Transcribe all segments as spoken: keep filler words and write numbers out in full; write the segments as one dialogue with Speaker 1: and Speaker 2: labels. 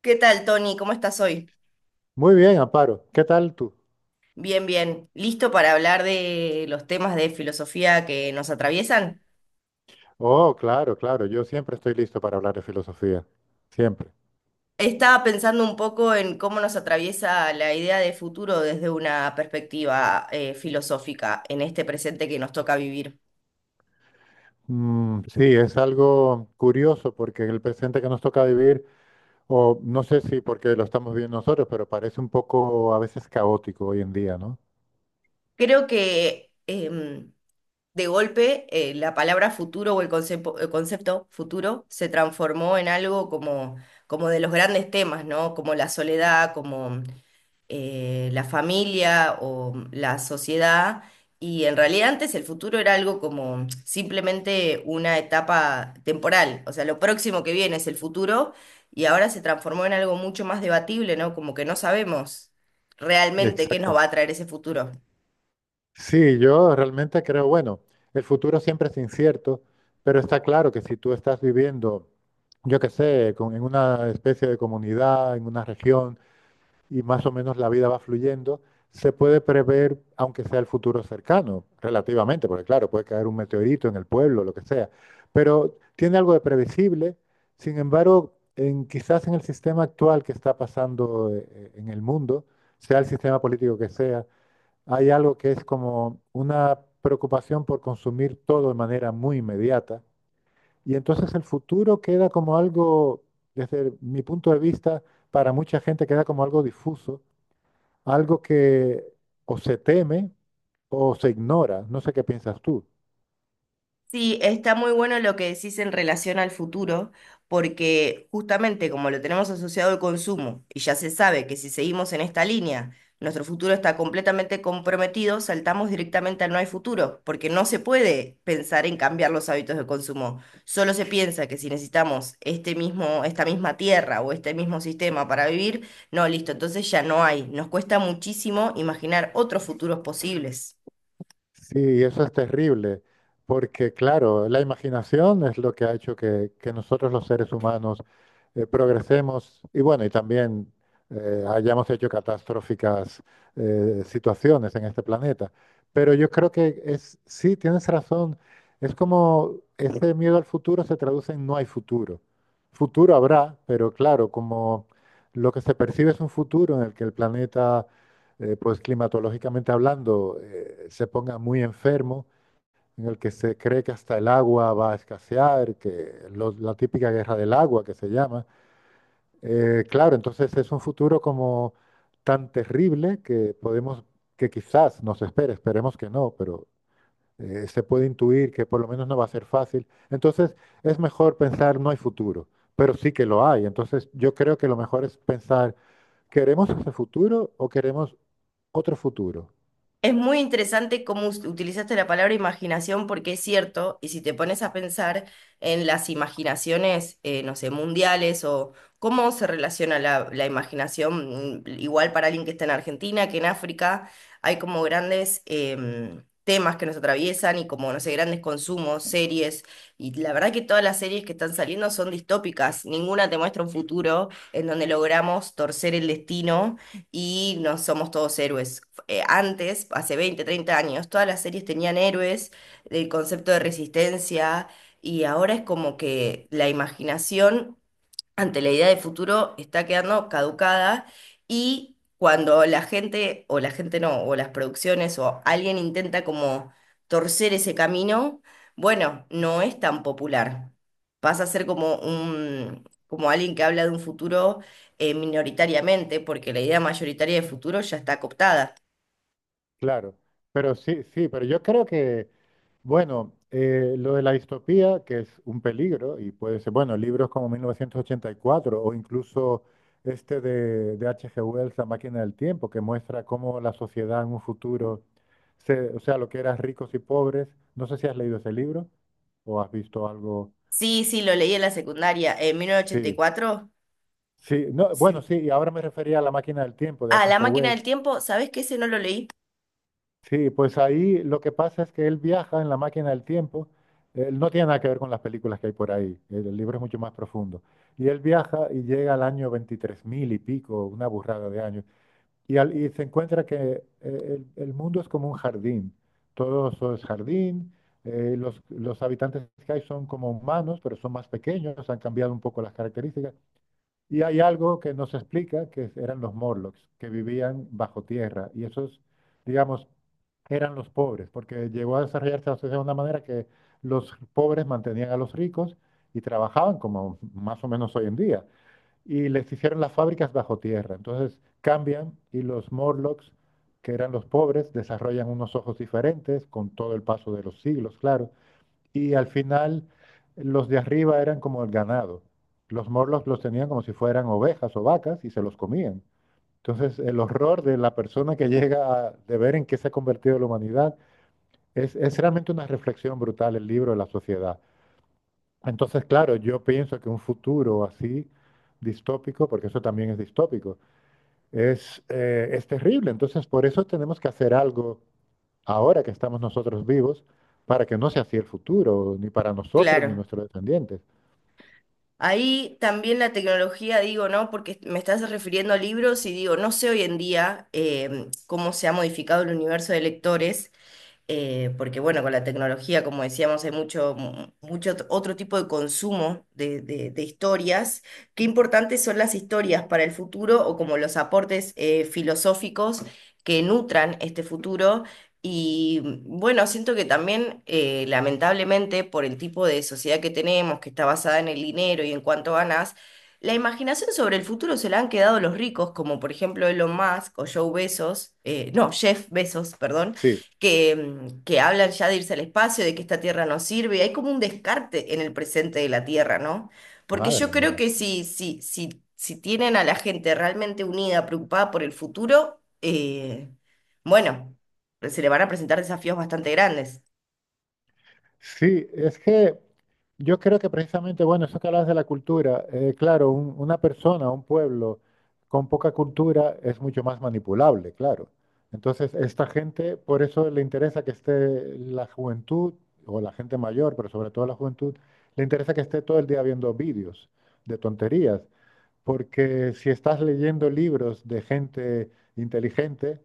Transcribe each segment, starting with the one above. Speaker 1: ¿Qué tal, Tony? ¿Cómo estás hoy?
Speaker 2: Muy bien, Amparo. ¿Qué tal tú?
Speaker 1: Bien, bien. ¿Listo para hablar de los temas de filosofía que nos atraviesan?
Speaker 2: Oh, claro, claro. Yo siempre estoy listo para hablar de filosofía. Siempre.
Speaker 1: Estaba pensando un poco en cómo nos atraviesa la idea de futuro desde una perspectiva eh, filosófica en este presente que nos toca vivir.
Speaker 2: Mm, sí, es algo curioso porque el presente que nos toca vivir, o no sé si porque lo estamos viviendo nosotros, pero parece un poco a veces caótico hoy en día, ¿no?
Speaker 1: Creo que em, de golpe eh, la palabra futuro o el concepo- el concepto, futuro se transformó en algo como, como de los grandes temas, ¿no? Como la soledad, como eh, la familia o la sociedad. Y en realidad antes el futuro era algo como simplemente una etapa temporal, o sea, lo próximo que viene es el futuro y ahora se transformó en algo mucho más debatible, ¿no? Como que no sabemos realmente qué nos va
Speaker 2: Exactamente.
Speaker 1: a traer ese futuro.
Speaker 2: Sí, yo realmente creo, bueno, el futuro siempre es incierto, pero está claro que si tú estás viviendo, yo qué sé, con- en una especie de comunidad, en una región, y más o menos la vida va fluyendo, se puede prever, aunque sea el futuro cercano, relativamente, porque claro, puede caer un meteorito en el pueblo, lo que sea, pero tiene algo de previsible. Sin embargo, en, quizás en el sistema actual que está pasando eh, eh, en el mundo, sea el sistema político que sea, hay algo que es como una preocupación por consumir todo de manera muy inmediata. Y entonces el futuro queda como algo, desde mi punto de vista, para mucha gente queda como algo difuso, algo que o se teme o se ignora. No sé qué piensas tú.
Speaker 1: Sí, está muy bueno lo que decís en relación al futuro, porque justamente como lo tenemos asociado al consumo y ya se sabe que si seguimos en esta línea, nuestro futuro está completamente comprometido, saltamos directamente al no hay futuro, porque no se puede pensar en cambiar los hábitos de consumo. Solo se piensa que si necesitamos este mismo, esta misma tierra o este mismo sistema para vivir, no, listo, entonces ya no hay. Nos cuesta muchísimo imaginar otros futuros posibles.
Speaker 2: Sí, eso es terrible, porque claro, la imaginación es lo que ha hecho que, que nosotros los seres humanos eh, progresemos y bueno, y también eh, hayamos hecho catastróficas eh, situaciones en este planeta. Pero yo creo que es, sí, tienes razón, es como ese miedo al futuro se traduce en no hay futuro. Futuro habrá, pero claro, como lo que se percibe es un futuro en el que el planeta, eh, pues climatológicamente hablando, eh, se ponga muy enfermo, en el que se cree que hasta el agua va a escasear, que lo- la típica guerra del agua que se llama. Eh, claro, entonces es un futuro como tan terrible que podemos, que quizás nos espere, esperemos que no, pero eh, se puede intuir que por lo menos no va a ser fácil. Entonces es mejor pensar no hay futuro, pero sí que lo hay. Entonces yo creo que lo mejor es pensar, ¿queremos ese futuro o queremos otro futuro?
Speaker 1: Es muy interesante cómo us- utilizaste la palabra imaginación porque es cierto, y si te pones a pensar en las imaginaciones, eh, no sé, mundiales o cómo se relaciona la, la imaginación, mm, igual para alguien que está en Argentina que en África, hay como grandes em, temas que nos atraviesan y como, no sé, grandes consumos, series, y la verdad que todas las series que están saliendo son distópicas, ninguna te muestra un futuro en donde logramos torcer el destino y no somos todos héroes eh, antes, hace veinte, treinta años, todas las series tenían héroes, el concepto de resistencia, y ahora es como que la imaginación ante la idea de futuro está quedando caducada y cuando la gente, o la gente no, o las producciones, o alguien intenta como torcer ese camino, bueno, no es tan popular. Pasa a ser como un, como alguien que habla de un futuro eh, minoritariamente, porque la idea mayoritaria de futuro ya está cooptada.
Speaker 2: Claro, pero sí, sí, pero yo creo que, bueno, eh, lo de la distopía, que es un peligro, y puede ser, bueno, libros como mil novecientos ochenta y cuatro o incluso este de, de H G. Wells, La máquina del tiempo, que muestra cómo la sociedad en un futuro, se, o sea, lo que eran ricos y pobres. No sé si has leído ese libro o has visto algo.
Speaker 1: Sí, sí, lo leí en la secundaria, en mil novecientos ochenta y
Speaker 2: Sí,
Speaker 1: cuatro.
Speaker 2: sí, no, bueno,
Speaker 1: Sí.
Speaker 2: sí, y ahora me refería a La máquina del tiempo de
Speaker 1: Ah,
Speaker 2: H.
Speaker 1: La
Speaker 2: G.
Speaker 1: máquina del
Speaker 2: Wells.
Speaker 1: tiempo, ¿sabés que ese no lo leí?
Speaker 2: Sí, pues ahí lo que pasa es que él viaja en la máquina del tiempo. Él no tiene nada que ver con las películas que hay por ahí. El libro es mucho más profundo. Y él viaja y llega al año veintitrés mil y pico, una burrada de años. Y, al- y se encuentra que eh, el, el mundo es como un jardín. Todo eso es jardín. eh, los, los habitantes que hay son como humanos, pero son más pequeños. Han cambiado un poco las características. Y hay algo que nos explica que eran los Morlocks, que vivían bajo tierra. Y esos, digamos, eran los pobres, porque llegó a desarrollarse la sociedad de una manera que los pobres mantenían a los ricos y trabajaban como más o menos hoy en día. Y les hicieron las fábricas bajo tierra. Entonces cambian y los Morlocks, que eran los pobres, desarrollan unos ojos diferentes con todo el paso de los siglos, claro. Y al final los de arriba eran como el ganado. Los morlos los tenían como si fueran ovejas o vacas y se los comían. Entonces el horror de la persona que llega a, de ver en qué se ha convertido la humanidad es, es, realmente una reflexión brutal el libro de la sociedad. Entonces, claro, yo pienso que un futuro así distópico, porque eso también es distópico, es, eh, es terrible. Entonces, por eso tenemos que hacer algo ahora que estamos nosotros vivos para que no sea así el futuro, ni para nosotros ni
Speaker 1: Claro.
Speaker 2: nuestros descendientes.
Speaker 1: Ahí también la tecnología, digo, ¿no? Porque me estás refiriendo a libros y digo, no sé hoy en día em, cómo se ha modificado el universo de lectores, eh, porque bueno, con la tecnología, como decíamos, hay mucho, mu- mucho ot- otro tipo de consumo de, de- de historias. ¿Qué importantes son las historias para el futuro o como los aportes eh, filosóficos que nutran este futuro? Y mm, bueno, siento que también, eh, lamentablemente, por el tipo de sociedad que tenemos, que está basada en el dinero y en cuánto ganas, la imaginación sobre el futuro se la han quedado los ricos, como por ejemplo Elon Musk o Joe Bezos, eh, no, Jeff Bezos, perdón,
Speaker 2: Sí,
Speaker 1: que, mm, que hablan ya de irse al espacio, de que esta Tierra no sirve. Hay como un descarte en el presente de la Tierra, ¿no? Porque yo
Speaker 2: madre
Speaker 1: creo
Speaker 2: mía.
Speaker 1: que si, si, si, si tienen a la gente realmente unida, preocupada por el futuro, eh, bueno, se le van a presentar desafíos bastante grandes.
Speaker 2: Sí, es que yo creo que precisamente, bueno, eso que hablas de la cultura, eh, claro, un- una persona, un pueblo con poca cultura es mucho más manipulable, claro. Entonces, esta gente, por eso le interesa que esté la juventud, o la gente mayor, pero sobre todo la juventud, le interesa que esté todo el día viendo vídeos de tonterías. Porque si estás leyendo libros de gente inteligente,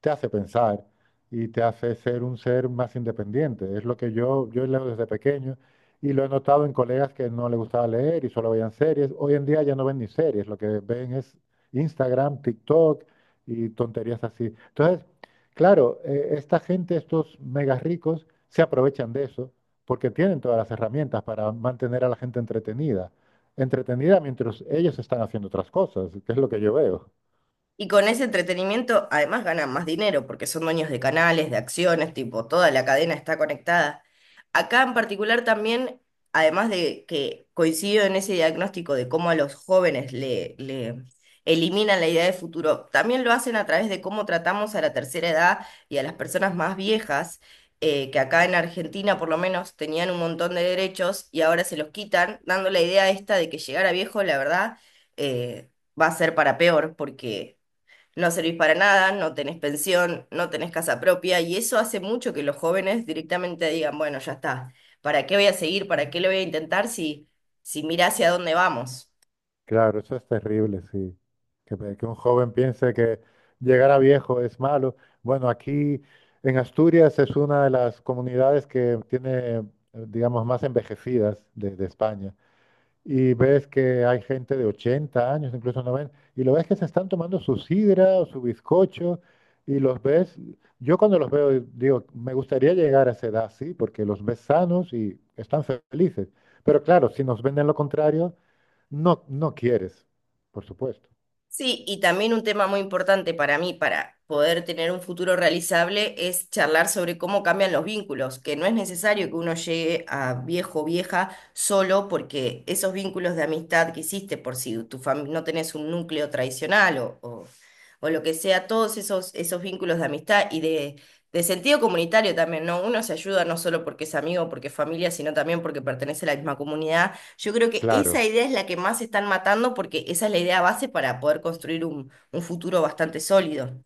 Speaker 2: te hace pensar y te hace ser un ser más independiente. Es lo que yo, yo leo desde pequeño y lo he notado en colegas que no les gustaba leer y solo veían series. Hoy en día ya no ven ni series, lo que ven es Instagram, TikTok y tonterías así. Entonces, claro, eh, esta gente, estos mega ricos, se aprovechan de eso porque tienen todas las herramientas para mantener a la gente entretenida entretenida mientras ellos están haciendo otras cosas, que es lo que yo veo.
Speaker 1: Y con ese entretenimiento además ganan más dinero porque son dueños de canales, de acciones, tipo, toda la cadena está conectada. Acá en particular también, además de que coincido en ese diagnóstico de cómo a los jóvenes le, le eliminan la idea de futuro, también lo hacen a través de cómo tratamos a la tercera edad y a las personas más viejas, eh, que acá en Argentina por lo menos tenían un montón de derechos y ahora se los quitan, dando la idea esta de que llegar a viejo, la verdad, eh, va a ser para peor porque no servís para nada, no tenés pensión, no tenés casa propia, y eso hace mucho que los jóvenes directamente digan, bueno, ya está, ¿para qué voy a seguir? ¿Para qué lo voy a intentar si, si mirá hacia dónde vamos?
Speaker 2: Claro, eso es terrible, sí. Que, pe- que un joven piense que llegar a viejo es malo. Bueno, aquí en Asturias es una de las comunidades que tiene, eh, digamos, más envejecidas de, de España. Y ves que hay gente de ochenta años, incluso noventa y lo ves que se están tomando su sidra o su bizcocho, y los ves, yo cuando los veo digo, me gustaría llegar a esa edad, sí, porque los ves sanos y están felices. Pero claro, si nos venden lo contrario, no, no quieres, por supuesto.
Speaker 1: Sí, y también un tema muy importante para mí, para poder tener un futuro realizable, es charlar sobre cómo cambian los vínculos, que no es necesario que uno llegue a viejo o vieja solo porque esos vínculos de amistad que hiciste, por si tu fami- no tenés un núcleo tradicional o, o, o lo que sea, todos esos, esos vínculos de amistad y de, de sentido comunitario también, ¿no? Uno se ayuda no solo porque es amigo, porque es familia, sino también porque pertenece a la misma comunidad, yo creo que
Speaker 2: Claro.
Speaker 1: esa idea es la que más están matando porque esa es la idea base para poder construir un, un futuro bastante sólido.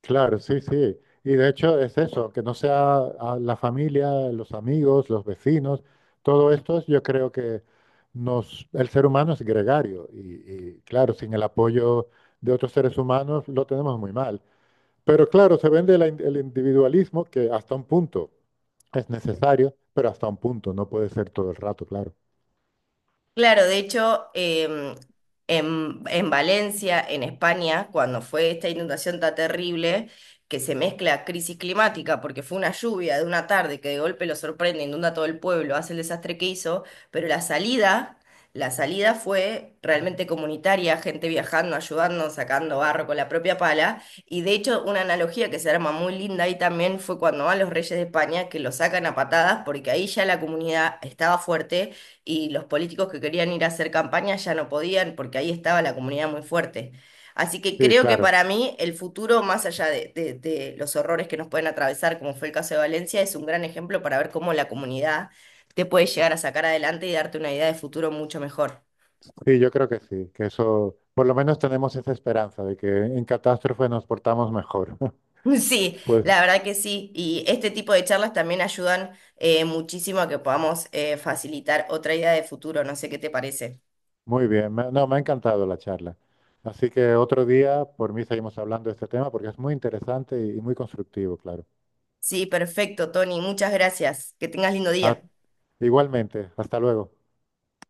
Speaker 2: Claro, sí, sí. Y de hecho es eso, que no sea a la familia, los amigos, los vecinos, todo esto yo creo que nos, el ser humano es gregario y, y, claro, sin el apoyo de otros seres humanos lo tenemos muy mal. Pero claro, se vende la in- el individualismo que hasta un punto es necesario, pero hasta un punto, no puede ser todo el rato, claro.
Speaker 1: Claro, de hecho, em, en, en Valencia, en España, cuando fue esta inundación tan terrible, que se mezcla crisis climática, porque fue una lluvia de una tarde que de golpe lo sorprende, inunda todo el pueblo, hace el desastre que hizo, pero la salida, la salida fue realmente comunitaria, gente viajando, ayudando, sacando barro con la propia pala, y de hecho una analogía que se arma muy linda ahí también fue cuando van los reyes de España, que lo sacan a patadas, porque ahí ya la comunidad estaba fuerte y los políticos que querían ir a hacer campaña ya no podían porque ahí estaba la comunidad muy fuerte. Así que
Speaker 2: Sí,
Speaker 1: creo que
Speaker 2: claro.
Speaker 1: para mí el futuro, más allá de, de- de los horrores que nos pueden atravesar, como fue el caso de Valencia, es un gran ejemplo para ver cómo la comunidad te puede llegar a sacar adelante y darte una idea de futuro mucho mejor.
Speaker 2: Sí, yo creo que sí, que eso, por lo menos tenemos esa esperanza de que en catástrofe nos portamos mejor.
Speaker 1: Sí,
Speaker 2: Pues
Speaker 1: la verdad que sí. Y este tipo de charlas también ayudan eh, muchísimo a que podamos eh, facilitar otra idea de futuro. No sé qué te parece.
Speaker 2: muy bien, me- no, me ha encantado la charla. Así que otro día, por mí, seguimos hablando de este tema porque es muy interesante y y muy constructivo, claro.
Speaker 1: Sí, perfecto, Tony. Muchas gracias. Que tengas lindo
Speaker 2: Ah,
Speaker 1: día.
Speaker 2: igualmente, hasta luego.